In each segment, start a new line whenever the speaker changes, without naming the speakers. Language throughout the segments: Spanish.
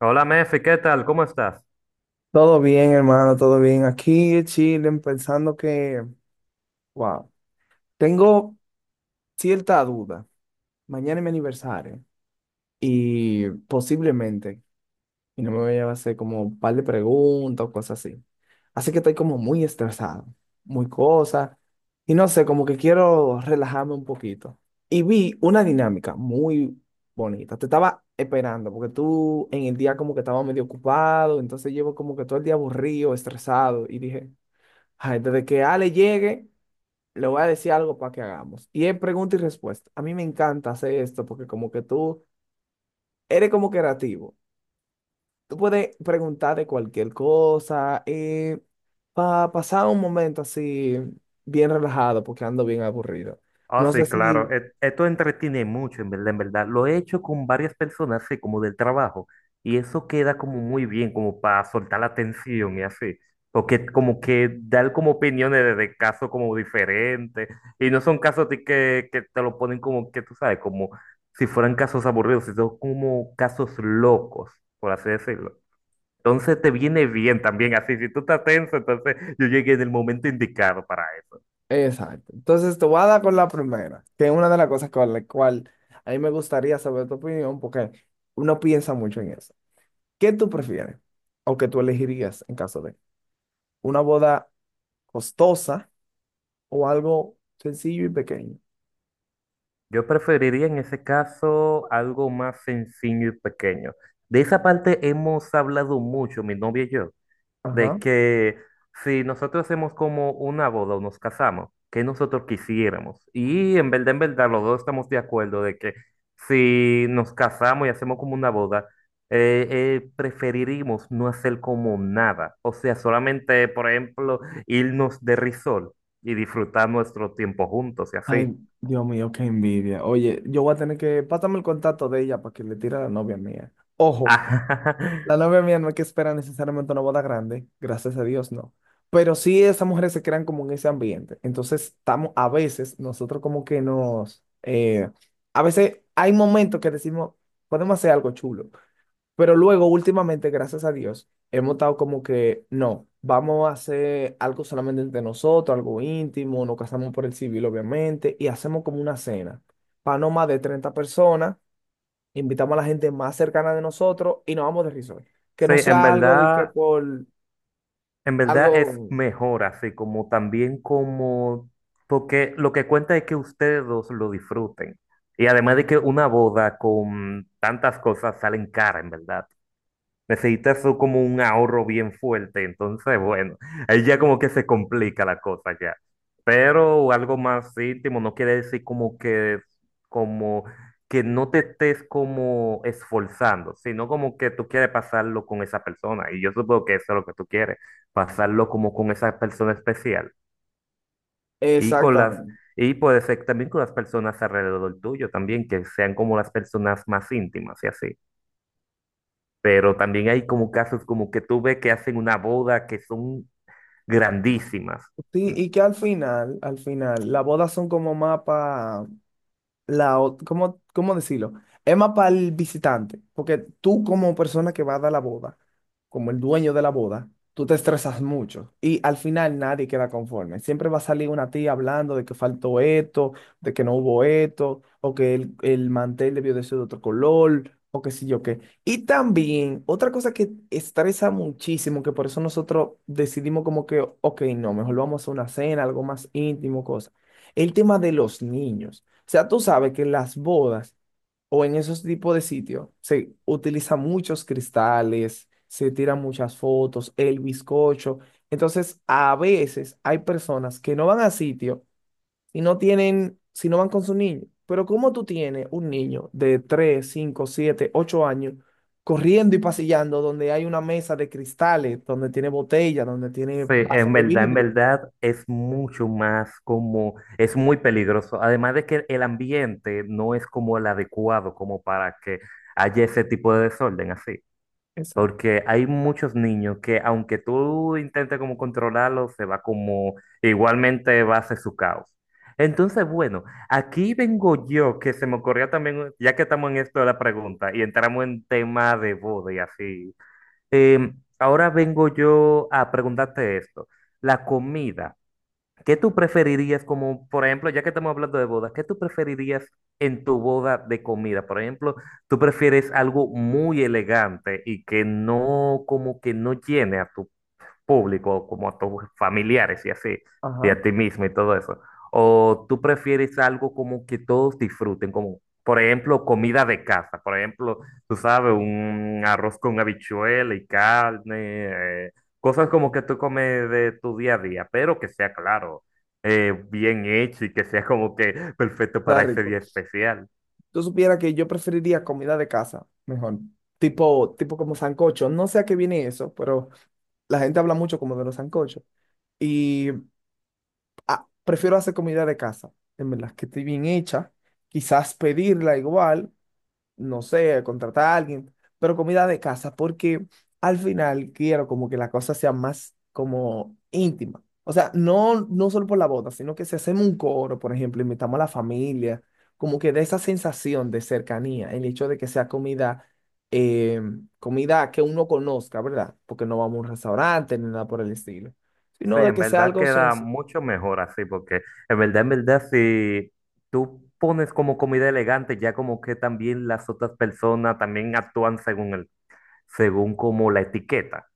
Hola, Mefi, ¿qué tal? ¿Cómo estás?
Todo bien, hermano, todo bien. Aquí en Chile, pensando que, wow, tengo cierta duda. Mañana es mi aniversario y posiblemente, y no me voy a hacer como un par de preguntas o cosas así. Así que estoy como muy estresado, muy cosa, y no sé, como que quiero relajarme un poquito. Y vi una dinámica muy bonita. Te estaba esperando porque tú en el día como que estaba medio ocupado, entonces llevo como que todo el día aburrido, estresado, y dije, ay, desde que Ale llegue, le voy a decir algo para que hagamos. Y es pregunta y respuesta. A mí me encanta hacer esto porque como que tú eres como creativo. Tú puedes preguntar de cualquier cosa para pasar un momento así bien relajado porque ando bien aburrido.
Ah,
No sé
sí, claro.
si...
Esto entretiene mucho, en verdad, en verdad. Lo he hecho con varias personas, así como del trabajo. Y eso queda como muy bien, como para soltar la tensión y así. Porque como que dar como opiniones de casos como diferentes. Y no son casos de que te lo ponen como que tú sabes, como si fueran casos aburridos, sino como casos locos, por así decirlo. Entonces te viene bien también así. Si tú estás tenso, entonces yo llegué en el momento indicado para eso.
Exacto. Entonces te voy a dar con la primera, que es una de las cosas con la cual a mí me gustaría saber tu opinión porque uno piensa mucho en eso. ¿Qué tú prefieres o que tú elegirías en caso de una boda, costosa o algo sencillo y pequeño?
Yo preferiría en ese caso algo más sencillo y pequeño. De esa parte hemos hablado mucho, mi novia y yo,
Ajá.
de que si nosotros hacemos como una boda o nos casamos, que nosotros quisiéramos. Y en verdad, los dos estamos de acuerdo de que si nos casamos y hacemos como una boda, preferiríamos no hacer como nada. O sea, solamente, por ejemplo, irnos de risol y disfrutar nuestro tiempo juntos y así.
Ay, Dios mío, qué envidia. Oye, yo voy a tener que, pásame el contacto de ella para que le tire a la novia mía. Ojo. La novia mía no es que espera necesariamente una boda grande, gracias a Dios, no. Pero sí esas mujeres se crean como en ese ambiente. Entonces estamos, a veces, nosotros como que nos, a veces hay momentos que decimos, podemos hacer algo chulo. Pero luego, últimamente, gracias a Dios, hemos estado como que, no, vamos a hacer algo solamente entre nosotros, algo íntimo, nos casamos por el civil, obviamente, y hacemos como una cena para no más de 30 personas, invitamos a la gente más cercana de nosotros y nos vamos de risor. Que
Sí,
no sea algo de que por
en verdad
algo
es mejor así, como también como, porque lo que cuenta es que ustedes dos lo disfruten. Y además de que una boda con tantas cosas salen cara, en verdad. Necesitas tú como un ahorro bien fuerte, entonces, bueno, ahí ya como que se complica la cosa ya. Pero algo más íntimo no quiere decir como que no te estés como esforzando, sino como que tú quieres pasarlo con esa persona. Y yo supongo que eso es lo que tú quieres, pasarlo como con esa persona especial. Y con
exactamente.
y puede ser también con las personas alrededor tuyo también, que sean como las personas más íntimas y así. Pero también hay como casos como que tú ves que hacen una boda que son grandísimas.
Sí, y que al final, las bodas son como mapa la, ¿cómo, cómo decirlo? Es más para el visitante, porque tú como persona que va a dar la boda, como el dueño de la boda, tú te estresas mucho y al final nadie queda conforme. Siempre va a salir una tía hablando de que faltó esto, de que no hubo esto, o que el mantel debió de ser de otro color, o qué sé yo qué. Y también otra cosa que estresa muchísimo, que por eso nosotros decidimos como que, ok, no, mejor vamos a una cena, algo más íntimo, cosa. El tema de los niños. O sea, tú sabes que en las bodas o en esos tipos de sitios se utilizan muchos cristales, se tiran muchas fotos, el bizcocho. Entonces, a veces hay personas que no van a sitio y no tienen, si no van con su niño. Pero ¿cómo tú tienes un niño de 3, 5, 7, 8 años corriendo y pasillando donde hay una mesa de cristales, donde tiene botella, donde tiene
Sí,
vaso de
en
vidrio?
verdad es mucho más como, es muy peligroso. Además de que el ambiente no es como el adecuado como para que haya ese tipo de desorden así.
Exacto.
Porque hay muchos niños que aunque tú intentes como controlarlo, se va como igualmente va a hacer su caos. Entonces, bueno, aquí vengo yo, que se me ocurrió también, ya que estamos en esto de la pregunta y entramos en tema de boda y así. eh, Ahora vengo yo a preguntarte esto. La comida. ¿Qué tú preferirías como, por ejemplo, ya que estamos hablando de bodas, qué tú preferirías en tu boda de comida? Por ejemplo, ¿tú prefieres algo muy elegante y que no, como que no llene a tu público, como a tus familiares y así, y
Ajá.
a ti mismo y todo eso? ¿O tú prefieres algo como que todos disfruten, como por ejemplo comida de casa? Por ejemplo, tú sabes, un arroz con habichuela y carne, cosas como que tú comes de tu día a día, pero que sea claro, bien hecho y que sea como que perfecto
Está
para ese
rico.
día especial.
Tú supieras que yo preferiría comida de casa, mejor. Tipo como sancocho. No sé a qué viene eso, pero la gente habla mucho como de los sancochos. Y ah, prefiero hacer comida de casa, en verdad, que esté bien hecha. Quizás pedirla igual, no sé, contratar a alguien, pero comida de casa, porque al final quiero como que la cosa sea más como íntima. O sea, no, no solo por la boda, sino que si hacemos un coro, por ejemplo, invitamos a la familia, como que de esa sensación de cercanía, el hecho de que sea comida, eh, comida que uno conozca, ¿verdad? Porque no vamos a un restaurante ni nada por el estilo,
Sí,
sino de
en
que sea
verdad
algo
queda
sencillo.
mucho mejor así, porque en verdad, si tú pones como comida elegante, ya como que también las otras personas también actúan según según como la etiqueta.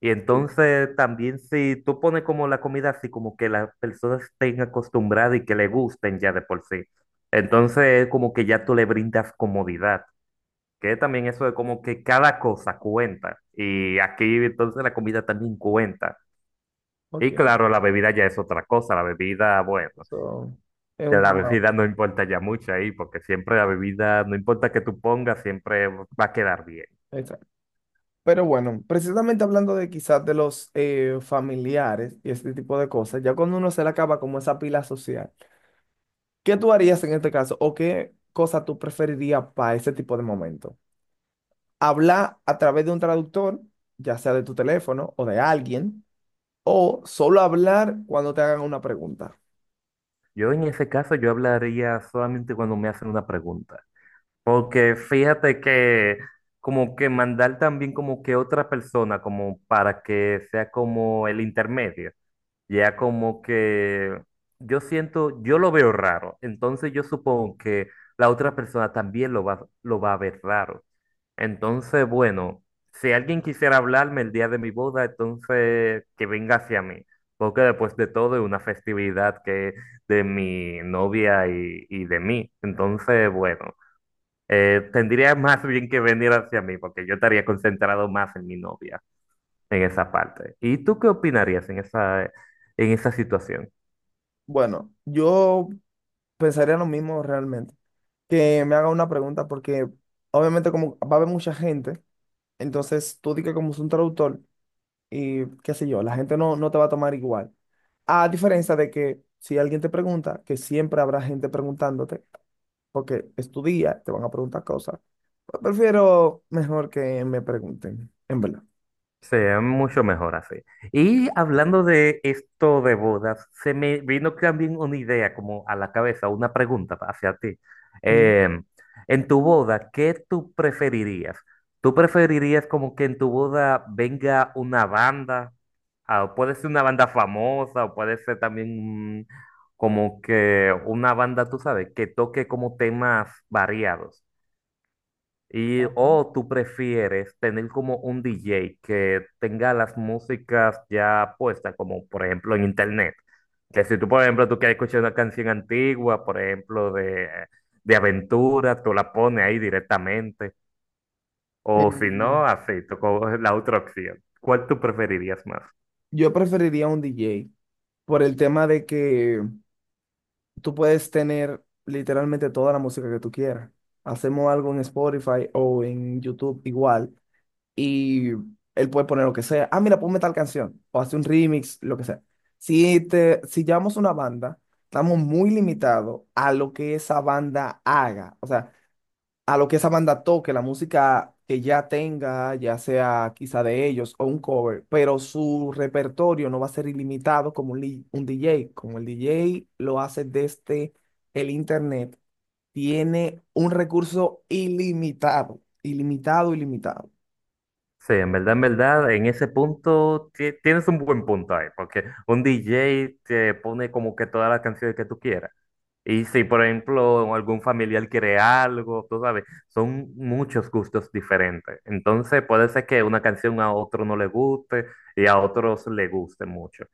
Y entonces también si tú pones como la comida así, como que las personas estén acostumbradas y que le gusten ya de por sí. Entonces como que ya tú le brindas comodidad, que también eso de como que cada cosa cuenta. Y aquí entonces la comida también cuenta.
Ok,
Y claro, la bebida ya es otra cosa, la bebida, bueno,
eso es
ya
un
la
tema.
bebida no importa ya mucho ahí, porque siempre la bebida, no importa que tú pongas, siempre va a quedar bien.
Exacto. Pero bueno, precisamente hablando de quizás de los familiares y este tipo de cosas, ya cuando uno se le acaba como esa pila social, ¿qué tú harías en este caso o qué cosa tú preferirías para ese tipo de momento? ¿Hablar a través de un traductor, ya sea de tu teléfono o de alguien, o solo hablar cuando te hagan una pregunta?
Yo en ese caso, yo hablaría solamente cuando me hacen una pregunta, porque fíjate que como que mandar también como que otra persona, como para que sea como el intermedio. Ya como que yo siento, yo lo veo raro, entonces yo supongo que la otra persona también lo va a ver raro. Entonces, bueno, si alguien quisiera hablarme el día de mi boda, entonces que venga hacia mí, porque después de todo es una festividad que de mi novia y de mí. Entonces, bueno, tendría más bien que venir hacia mí, porque yo estaría concentrado más en mi novia en esa parte. ¿Y tú qué opinarías en en esa situación?
Bueno, yo pensaría lo mismo realmente, que me haga una pregunta porque obviamente como va a haber mucha gente, entonces tú di que como es un traductor. Y qué sé yo, la gente no, no te va a tomar igual. A diferencia de que si alguien te pregunta, que siempre habrá gente preguntándote, porque es tu día, te van a preguntar cosas. Pues prefiero mejor que me pregunten, en verdad.
Sería mucho mejor así. Y hablando de esto de bodas, se me vino también una idea como a la cabeza, una pregunta hacia ti.
Mm.
Eh, en tu boda, ¿qué tú preferirías? ¿Tú preferirías como que en tu boda venga una banda? Ah, puede ser una banda famosa o puede ser también como que una banda, tú sabes, que toque como temas variados.
Ajá.
O tú prefieres tener como un DJ que tenga las músicas ya puestas, como por ejemplo en internet. Que si tú, por ejemplo, tú quieres escuchar una canción antigua, por ejemplo, de aventura, tú la pones ahí directamente. O si no,
Em,
así, tú coges la otra opción. ¿Cuál tú preferirías más?
yo preferiría un DJ por el tema de que tú puedes tener literalmente toda la música que tú quieras. Hacemos algo en Spotify o en YouTube igual. Y él puede poner lo que sea. Ah, mira, ponme tal canción o hace un remix, lo que sea. Si llevamos una banda, estamos muy limitados a lo que esa banda haga, o sea, a lo que esa banda toque, la música que ya tenga, ya sea quizá de ellos o un cover, pero su repertorio no va a ser ilimitado como un DJ, como el DJ lo hace desde el internet, tiene un recurso ilimitado, ilimitado, ilimitado.
Sí, en verdad, en verdad, en ese punto tienes un buen punto ahí, porque un DJ te pone como que todas las canciones que tú quieras. Y si, por ejemplo, algún familiar quiere algo, tú sabes, son muchos gustos diferentes. Entonces puede ser que una canción a otro no le guste y a otros le guste mucho.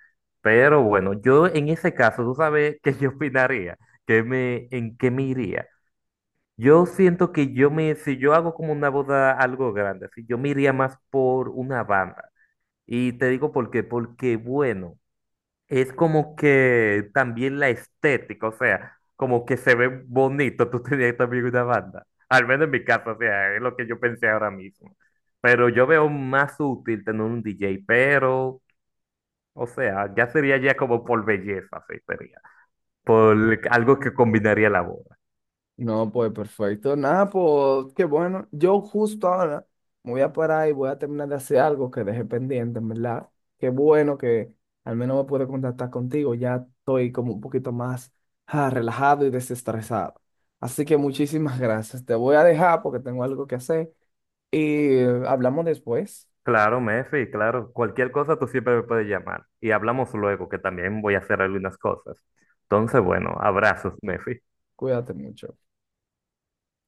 Pero bueno, yo en ese caso, tú sabes qué yo opinaría, en qué me iría. Yo siento que si yo hago como una boda algo grande, si yo me iría más por una banda. Y te digo por qué, porque bueno, es como que también la estética, o sea, como que se ve bonito tú tenías también una banda. Al menos en mi caso, o sea, es lo que yo pensé ahora mismo. Pero yo veo más útil tener un DJ, pero, o sea, ya sería ya como por belleza, sí, sería. Por algo que combinaría la voz.
No, pues perfecto. Nada, pues qué bueno. Yo justo ahora me voy a parar y voy a terminar de hacer algo que dejé pendiente, en verdad. Qué bueno que al menos me pude contactar contigo. Ya estoy como un poquito más ah, relajado y desestresado. Así que muchísimas gracias. Te voy a dejar porque tengo algo que hacer y hablamos después.
Claro, Mefi, claro. Cualquier cosa tú siempre me puedes llamar. Y hablamos luego, que también voy a hacer algunas cosas. Entonces, bueno, abrazos, Mefi.
Cuídate mucho.